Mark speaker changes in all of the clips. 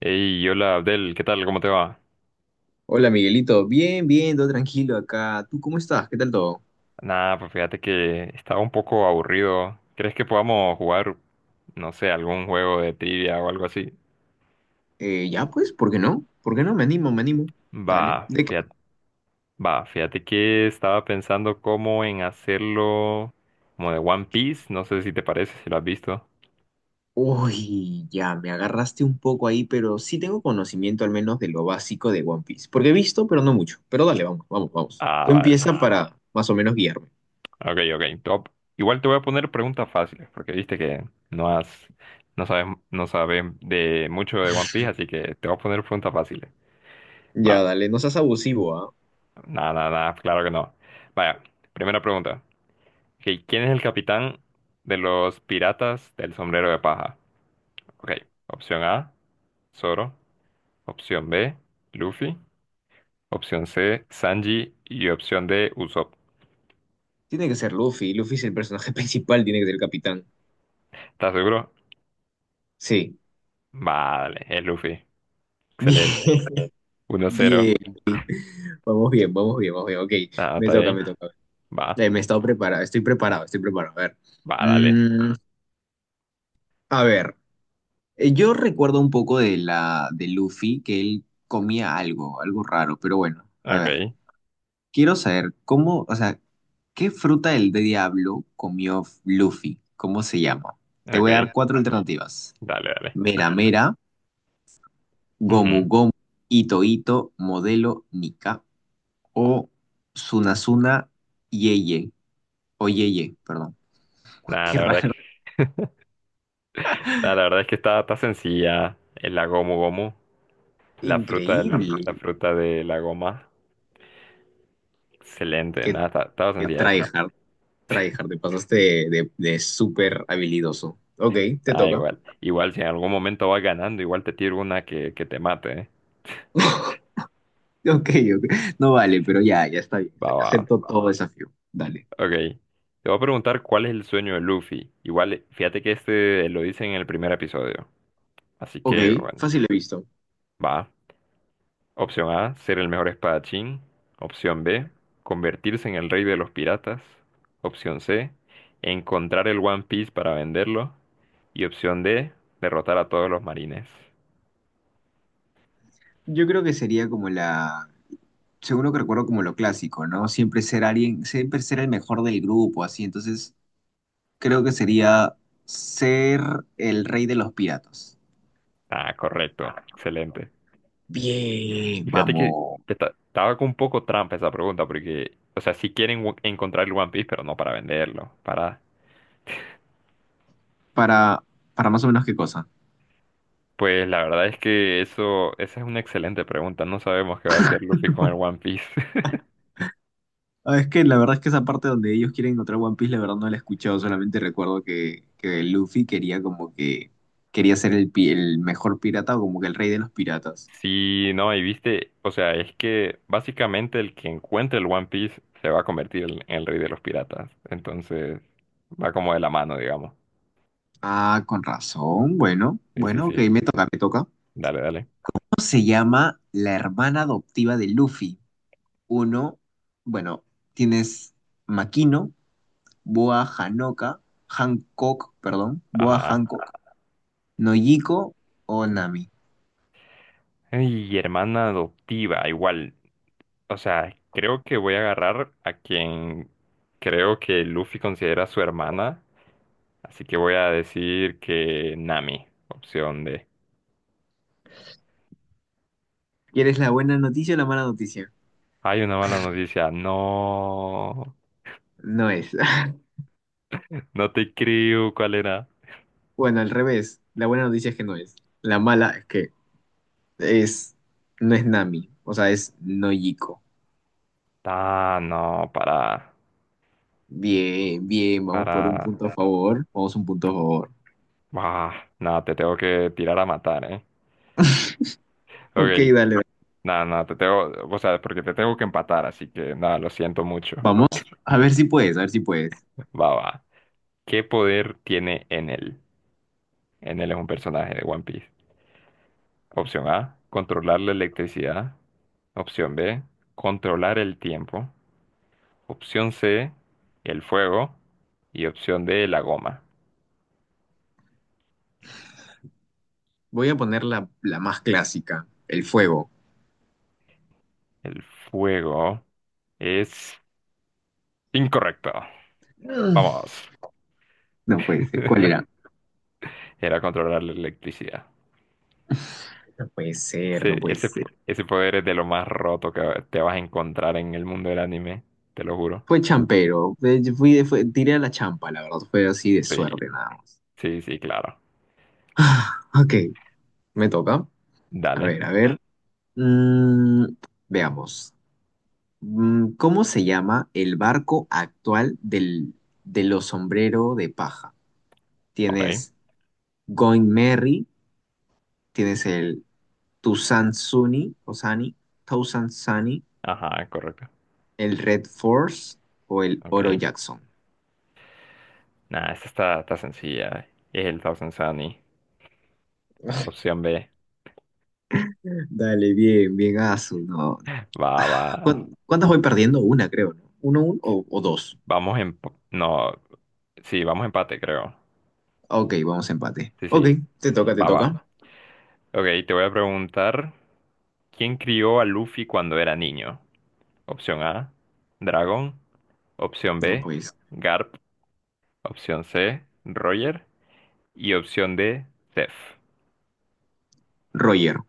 Speaker 1: Hey, hola Abdel, ¿qué tal? ¿Cómo te va?
Speaker 2: Hola Miguelito, bien, bien, todo tranquilo acá. ¿Tú cómo estás? ¿Qué tal todo?
Speaker 1: Nada, pues fíjate que estaba un poco aburrido. ¿Crees que podamos jugar, no sé, algún juego de trivia o algo así?
Speaker 2: Ya pues, ¿por qué no? ¿Por qué no? Me animo, me animo. Dale.
Speaker 1: Va,
Speaker 2: ¿De qué?
Speaker 1: fíjate, fíjate que estaba pensando cómo en hacerlo como de One Piece, no sé si te parece, si lo has visto.
Speaker 2: Uy, ya, me agarraste un poco ahí, pero sí tengo conocimiento al menos de lo básico de One Piece. Porque he visto, pero no mucho. Pero dale, vamos, vamos, vamos.
Speaker 1: Ah,
Speaker 2: Tú
Speaker 1: vale.
Speaker 2: empieza para más o menos guiarme.
Speaker 1: Ok, ok, top. Igual te voy a poner preguntas fáciles, porque viste que no has, no sabes, no sabes de mucho de One Piece, así que te voy a poner preguntas fáciles. Va.
Speaker 2: Ya, dale, no seas abusivo, ¿ah?
Speaker 1: Nada, nada, nada, claro que no. Vaya, primera pregunta. Ok, ¿quién es el capitán de los piratas del sombrero de paja? Ok, opción A, Zoro. Opción B, Luffy. Opción C, Sanji. Y opción D, Usopp.
Speaker 2: Tiene que ser Luffy. Luffy es el personaje principal, tiene que ser el capitán.
Speaker 1: ¿Estás seguro?
Speaker 2: Sí.
Speaker 1: Vale, es Luffy. Excelente.
Speaker 2: Bien,
Speaker 1: Uno cero.
Speaker 2: bien. Vamos bien, vamos bien, vamos bien. Ok,
Speaker 1: Ah,
Speaker 2: me
Speaker 1: está
Speaker 2: toca,
Speaker 1: bien.
Speaker 2: me toca.
Speaker 1: Va,
Speaker 2: Me he estado preparado, estoy preparado, estoy preparado. A ver.
Speaker 1: va, dale.
Speaker 2: Mm, a ver, yo recuerdo un poco de la de Luffy que él comía algo, algo raro, pero bueno, a ver.
Speaker 1: Ok,
Speaker 2: Quiero saber cómo, o sea, ¿qué fruta del diablo comió Luffy? ¿Cómo se llama? Te voy a dar
Speaker 1: ok.
Speaker 2: cuatro alternativas.
Speaker 1: Dale, dale.
Speaker 2: Mera Mera, Gomu
Speaker 1: Ujú.
Speaker 2: Gomu, Ito Ito, Modelo Nika o Sunasuna Yeye o Yeye, perdón.
Speaker 1: Nah,
Speaker 2: Qué
Speaker 1: la verdad es
Speaker 2: raro.
Speaker 1: que, nah, la verdad es que está sencilla. El la Gomu Gomu. La fruta,
Speaker 2: Increíble.
Speaker 1: la fruta de la goma. Excelente,
Speaker 2: Que
Speaker 1: nada, estaba
Speaker 2: Qué
Speaker 1: sencilla esa.
Speaker 2: tryhard, tryhard, te pasaste de súper habilidoso. Ok, te
Speaker 1: Da
Speaker 2: toca.
Speaker 1: igual. Igual si en algún momento vas ganando, igual te tiro una que te mate, ¿eh?
Speaker 2: Ok, ok. No vale, pero ya, ya está bien.
Speaker 1: Va,
Speaker 2: Está bien.
Speaker 1: va.
Speaker 2: Acepto todo desafío. Dale.
Speaker 1: Ok. Te voy a preguntar cuál es el sueño de Luffy. Igual, fíjate que este lo dice en el primer episodio. Así
Speaker 2: Ok,
Speaker 1: que, bueno,
Speaker 2: fácil he visto.
Speaker 1: va. Opción A, ser el mejor espadachín. Opción B, convertirse en el rey de los piratas. Opción C, encontrar el One Piece para venderlo. Y opción D, derrotar a todos los marines.
Speaker 2: Yo creo que sería como la, seguro que recuerdo como lo clásico, ¿no? Siempre ser alguien, siempre ser el mejor del grupo, así. Entonces, creo que sería ser el rey de los piratas.
Speaker 1: Ah, correcto, excelente.
Speaker 2: Bien,
Speaker 1: Y fíjate que
Speaker 2: vamos.
Speaker 1: estaba con un poco trampa esa pregunta, porque, o sea, sí quieren encontrar el One Piece, pero no para venderlo, para...
Speaker 2: Para, para más o menos qué cosa.
Speaker 1: Pues la verdad es que eso, esa es una excelente pregunta. No sabemos qué va a hacer Luffy con el One Piece.
Speaker 2: Ah, es que la verdad es que esa parte donde ellos quieren encontrar One Piece, la verdad no la he escuchado, solamente recuerdo que Luffy quería como que quería ser el, pi- el mejor pirata o como que el rey de los piratas.
Speaker 1: Sí, no, y viste, o sea, es que básicamente el que encuentre el One Piece se va a convertir en el rey de los piratas. Entonces, va como de la mano, digamos.
Speaker 2: Ah, con razón, bueno,
Speaker 1: Sí, sí,
Speaker 2: bueno, ok,
Speaker 1: sí.
Speaker 2: me toca, me toca.
Speaker 1: Dale, dale.
Speaker 2: ¿Cómo se llama la hermana adoptiva de Luffy? Uno, bueno, tienes Makino, Boa Hanoka, Hancock, perdón, Boa
Speaker 1: Ajá.
Speaker 2: Hancock, Nojiko o Nami.
Speaker 1: Y hermana adoptiva, igual. O sea, creo que voy a agarrar a quien creo que Luffy considera su hermana. Así que voy a decir que Nami, opción D.
Speaker 2: ¿Quieres la buena noticia o la mala noticia?
Speaker 1: Hay una mala noticia. No,
Speaker 2: No es.
Speaker 1: no te creo. ¿Cuál era?
Speaker 2: Bueno, al revés. La buena noticia es que no es. La mala es que es, no es Nami, o sea, es Nojiko.
Speaker 1: Ah, no,
Speaker 2: Bien, bien, vamos por un
Speaker 1: para,
Speaker 2: punto a favor. Vamos un punto a favor.
Speaker 1: bah, nada, te tengo que tirar a matar, ¿eh?
Speaker 2: Ok,
Speaker 1: Ok,
Speaker 2: dale.
Speaker 1: nada, nada, te tengo, o sea, porque te tengo que empatar, así que nada, lo siento mucho.
Speaker 2: Vamos. A ver si puedes, a ver si puedes.
Speaker 1: Va, va. ¿Qué poder tiene Enel? Enel es un personaje de One Piece. Opción A, controlar la electricidad. Opción B, controlar el tiempo. Opción C, el fuego. Y opción D, la goma.
Speaker 2: Voy a poner la, la más clásica, el fuego.
Speaker 1: El fuego es incorrecto.
Speaker 2: Mm,
Speaker 1: Vamos.
Speaker 2: No puede ser. ¿Cuál era?
Speaker 1: Era controlar la electricidad.
Speaker 2: No puede ser, no puede ser.
Speaker 1: Ese poder es de lo más roto que te vas a encontrar en el mundo del anime, te lo juro.
Speaker 2: Fue champero. Yo tiré a la champa, la verdad. Fue así de
Speaker 1: Sí,
Speaker 2: suerte, nada más.
Speaker 1: sí, sí, claro.
Speaker 2: Ok, me toca. A
Speaker 1: Dale,
Speaker 2: ver, a ver. Mm, Veamos. ¿Cómo se llama el barco actual de los sombrero de paja?
Speaker 1: ok.
Speaker 2: Tienes Going Merry, tienes el Tucson Sunny, o Sunny, Tucson Sunny,
Speaker 1: Ajá, correcto.
Speaker 2: el Red Force o el Oro
Speaker 1: Ok.
Speaker 2: Jackson.
Speaker 1: Nada, esta está sencilla. Es el Thousand Sunny. Opción B.
Speaker 2: Dale, bien, bien, Asu. No, no.
Speaker 1: Va, va.
Speaker 2: Ah, ¿Cuántas voy perdiendo? Una, creo, ¿no? ¿Uno, o dos?
Speaker 1: Vamos en... No, sí, vamos empate, creo.
Speaker 2: Ok, vamos a empate.
Speaker 1: Sí, sí.
Speaker 2: Ok, te toca, te
Speaker 1: Va, va.
Speaker 2: toca.
Speaker 1: Ok, te voy a preguntar, ¿quién crió a Luffy cuando era niño? Opción A, Dragon. Opción
Speaker 2: No,
Speaker 1: B,
Speaker 2: pues,
Speaker 1: Garp. Opción C, Roger. Y opción D, Zeph.
Speaker 2: Roger.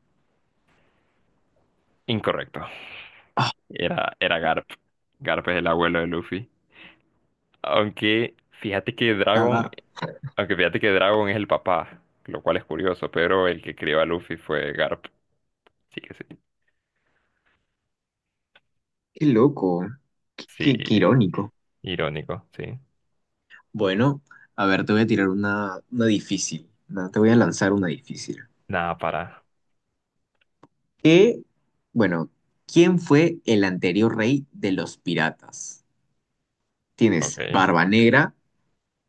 Speaker 1: Incorrecto. Era Garp. Garp es el abuelo de Luffy. Aunque fíjate que Dragon,
Speaker 2: Ah,
Speaker 1: aunque fíjate que Dragon es el papá, lo cual es curioso, pero el que crió a Luffy fue Garp. Sí que sí.
Speaker 2: qué loco, qué,
Speaker 1: Sí,
Speaker 2: qué irónico.
Speaker 1: irónico, sí.
Speaker 2: Bueno, a ver, te voy a tirar una difícil. ¿No? Te voy a lanzar una difícil.
Speaker 1: Nada, para.
Speaker 2: ¿Qué? Bueno, ¿quién fue el anterior rey de los piratas? ¿Tienes
Speaker 1: Ok.
Speaker 2: Barba Negra?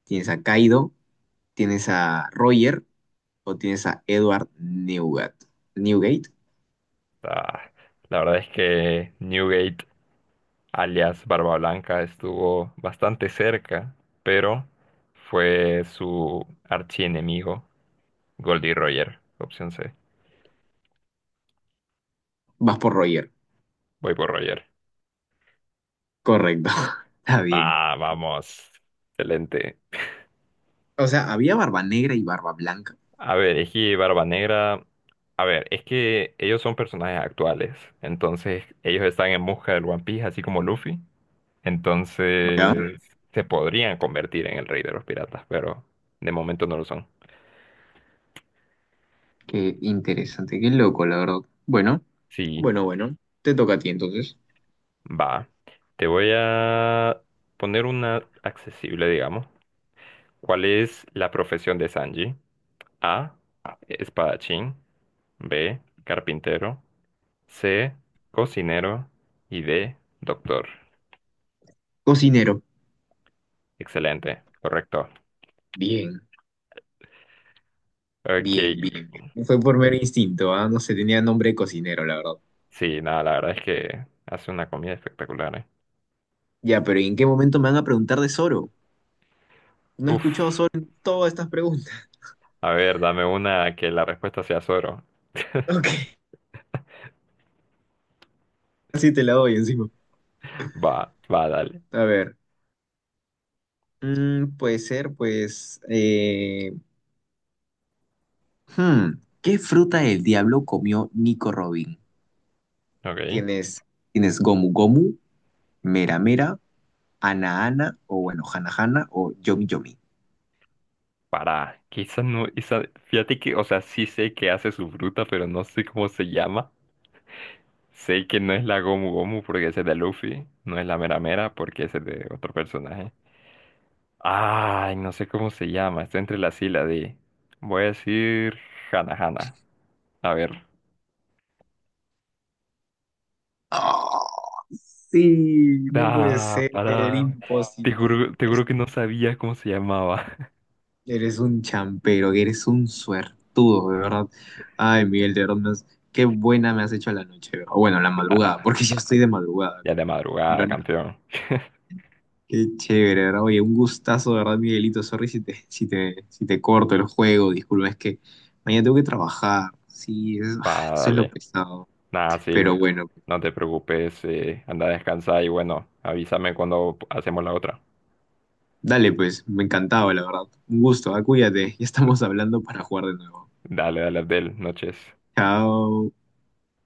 Speaker 2: ¿Tienes a Kaido? ¿Tienes a Roger? ¿O tienes a Edward Newgate? ¿Newgate?
Speaker 1: Ah, la verdad es que Newgate alias Barba Blanca, estuvo bastante cerca, pero fue su archienemigo, Goldie Roger, opción C.
Speaker 2: Vas por Roger.
Speaker 1: Voy por Roger.
Speaker 2: Correcto. Está bien.
Speaker 1: Ah, vamos. Excelente.
Speaker 2: O sea, había Barba Negra y Barba Blanca.
Speaker 1: A ver, Eji y Barba Negra. A ver, es que ellos son personajes actuales, entonces ellos están en busca del One Piece, así como Luffy.
Speaker 2: ¿Ya?
Speaker 1: Entonces se podrían convertir en el rey de los piratas, pero de momento no lo son.
Speaker 2: Qué interesante, qué loco, la verdad. Bueno.
Speaker 1: Sí.
Speaker 2: Bueno, bueno, te toca a ti entonces.
Speaker 1: Va, te voy a poner una accesible, digamos. ¿Cuál es la profesión de Sanji? A, espadachín, B, carpintero, C, cocinero y D, doctor.
Speaker 2: Cocinero.
Speaker 1: Excelente, correcto.
Speaker 2: Bien,
Speaker 1: Ok,
Speaker 2: bien, bien. Bien. Fue por mero instinto, ¿ah? No se tenía nombre de cocinero, la verdad.
Speaker 1: sí, nada, la verdad es que hace una comida espectacular, ¿eh?
Speaker 2: Ya, pero ¿en qué momento me van a preguntar de Zoro? No he
Speaker 1: Uf,
Speaker 2: escuchado Zoro en todas estas preguntas.
Speaker 1: a ver, dame una que la respuesta sea Zoro.
Speaker 2: Ok, así te la doy encima.
Speaker 1: Va, va, dale.
Speaker 2: A ver, puede ser, pues... hmm, ¿qué fruta del diablo comió Nico Robin?
Speaker 1: Ok.
Speaker 2: Tienes, tienes Gomu Gomu, Mera Mera, Ana Ana, o bueno, Hana Hana, o Yomi Yomi.
Speaker 1: Para, quizá no, esa, fíjate que, o sea, sí sé que hace su fruta, pero no sé cómo se llama. Sé que no es la Gomu Gomu porque es de Luffy, no es la Mera Mera porque es de otro personaje. Ay, no sé cómo se llama, está entre la sí y voy a decir Hana Hana. A ver.
Speaker 2: Oh, sí, no puede
Speaker 1: Da
Speaker 2: ser,
Speaker 1: para.
Speaker 2: imposible.
Speaker 1: Te juro que no sabía cómo se llamaba.
Speaker 2: Eres un champero, eres un suertudo, de verdad. Ay, Miguel, de verdad, qué buena me has hecho la noche, ¿de verdad? O bueno, la madrugada,
Speaker 1: Ah,
Speaker 2: porque ya estoy de madrugada
Speaker 1: ya
Speaker 2: acá.
Speaker 1: de madrugada,
Speaker 2: Pero nada,
Speaker 1: campeón.
Speaker 2: qué chévere, ¿de verdad? Oye, un gustazo, ¿de verdad, Miguelito? Sorry si te corto el juego, disculpa, es que mañana tengo que trabajar. Sí, ay, eso es lo
Speaker 1: Vale.
Speaker 2: pesado.
Speaker 1: Nada, sí,
Speaker 2: Pero bueno,
Speaker 1: no te preocupes, anda a descansar y bueno, avísame cuando hacemos la otra.
Speaker 2: dale, pues, me encantaba, la verdad. Un gusto, ah, cuídate, ya estamos hablando para jugar de nuevo.
Speaker 1: Dale, dale, Abdel, noches.
Speaker 2: Chao.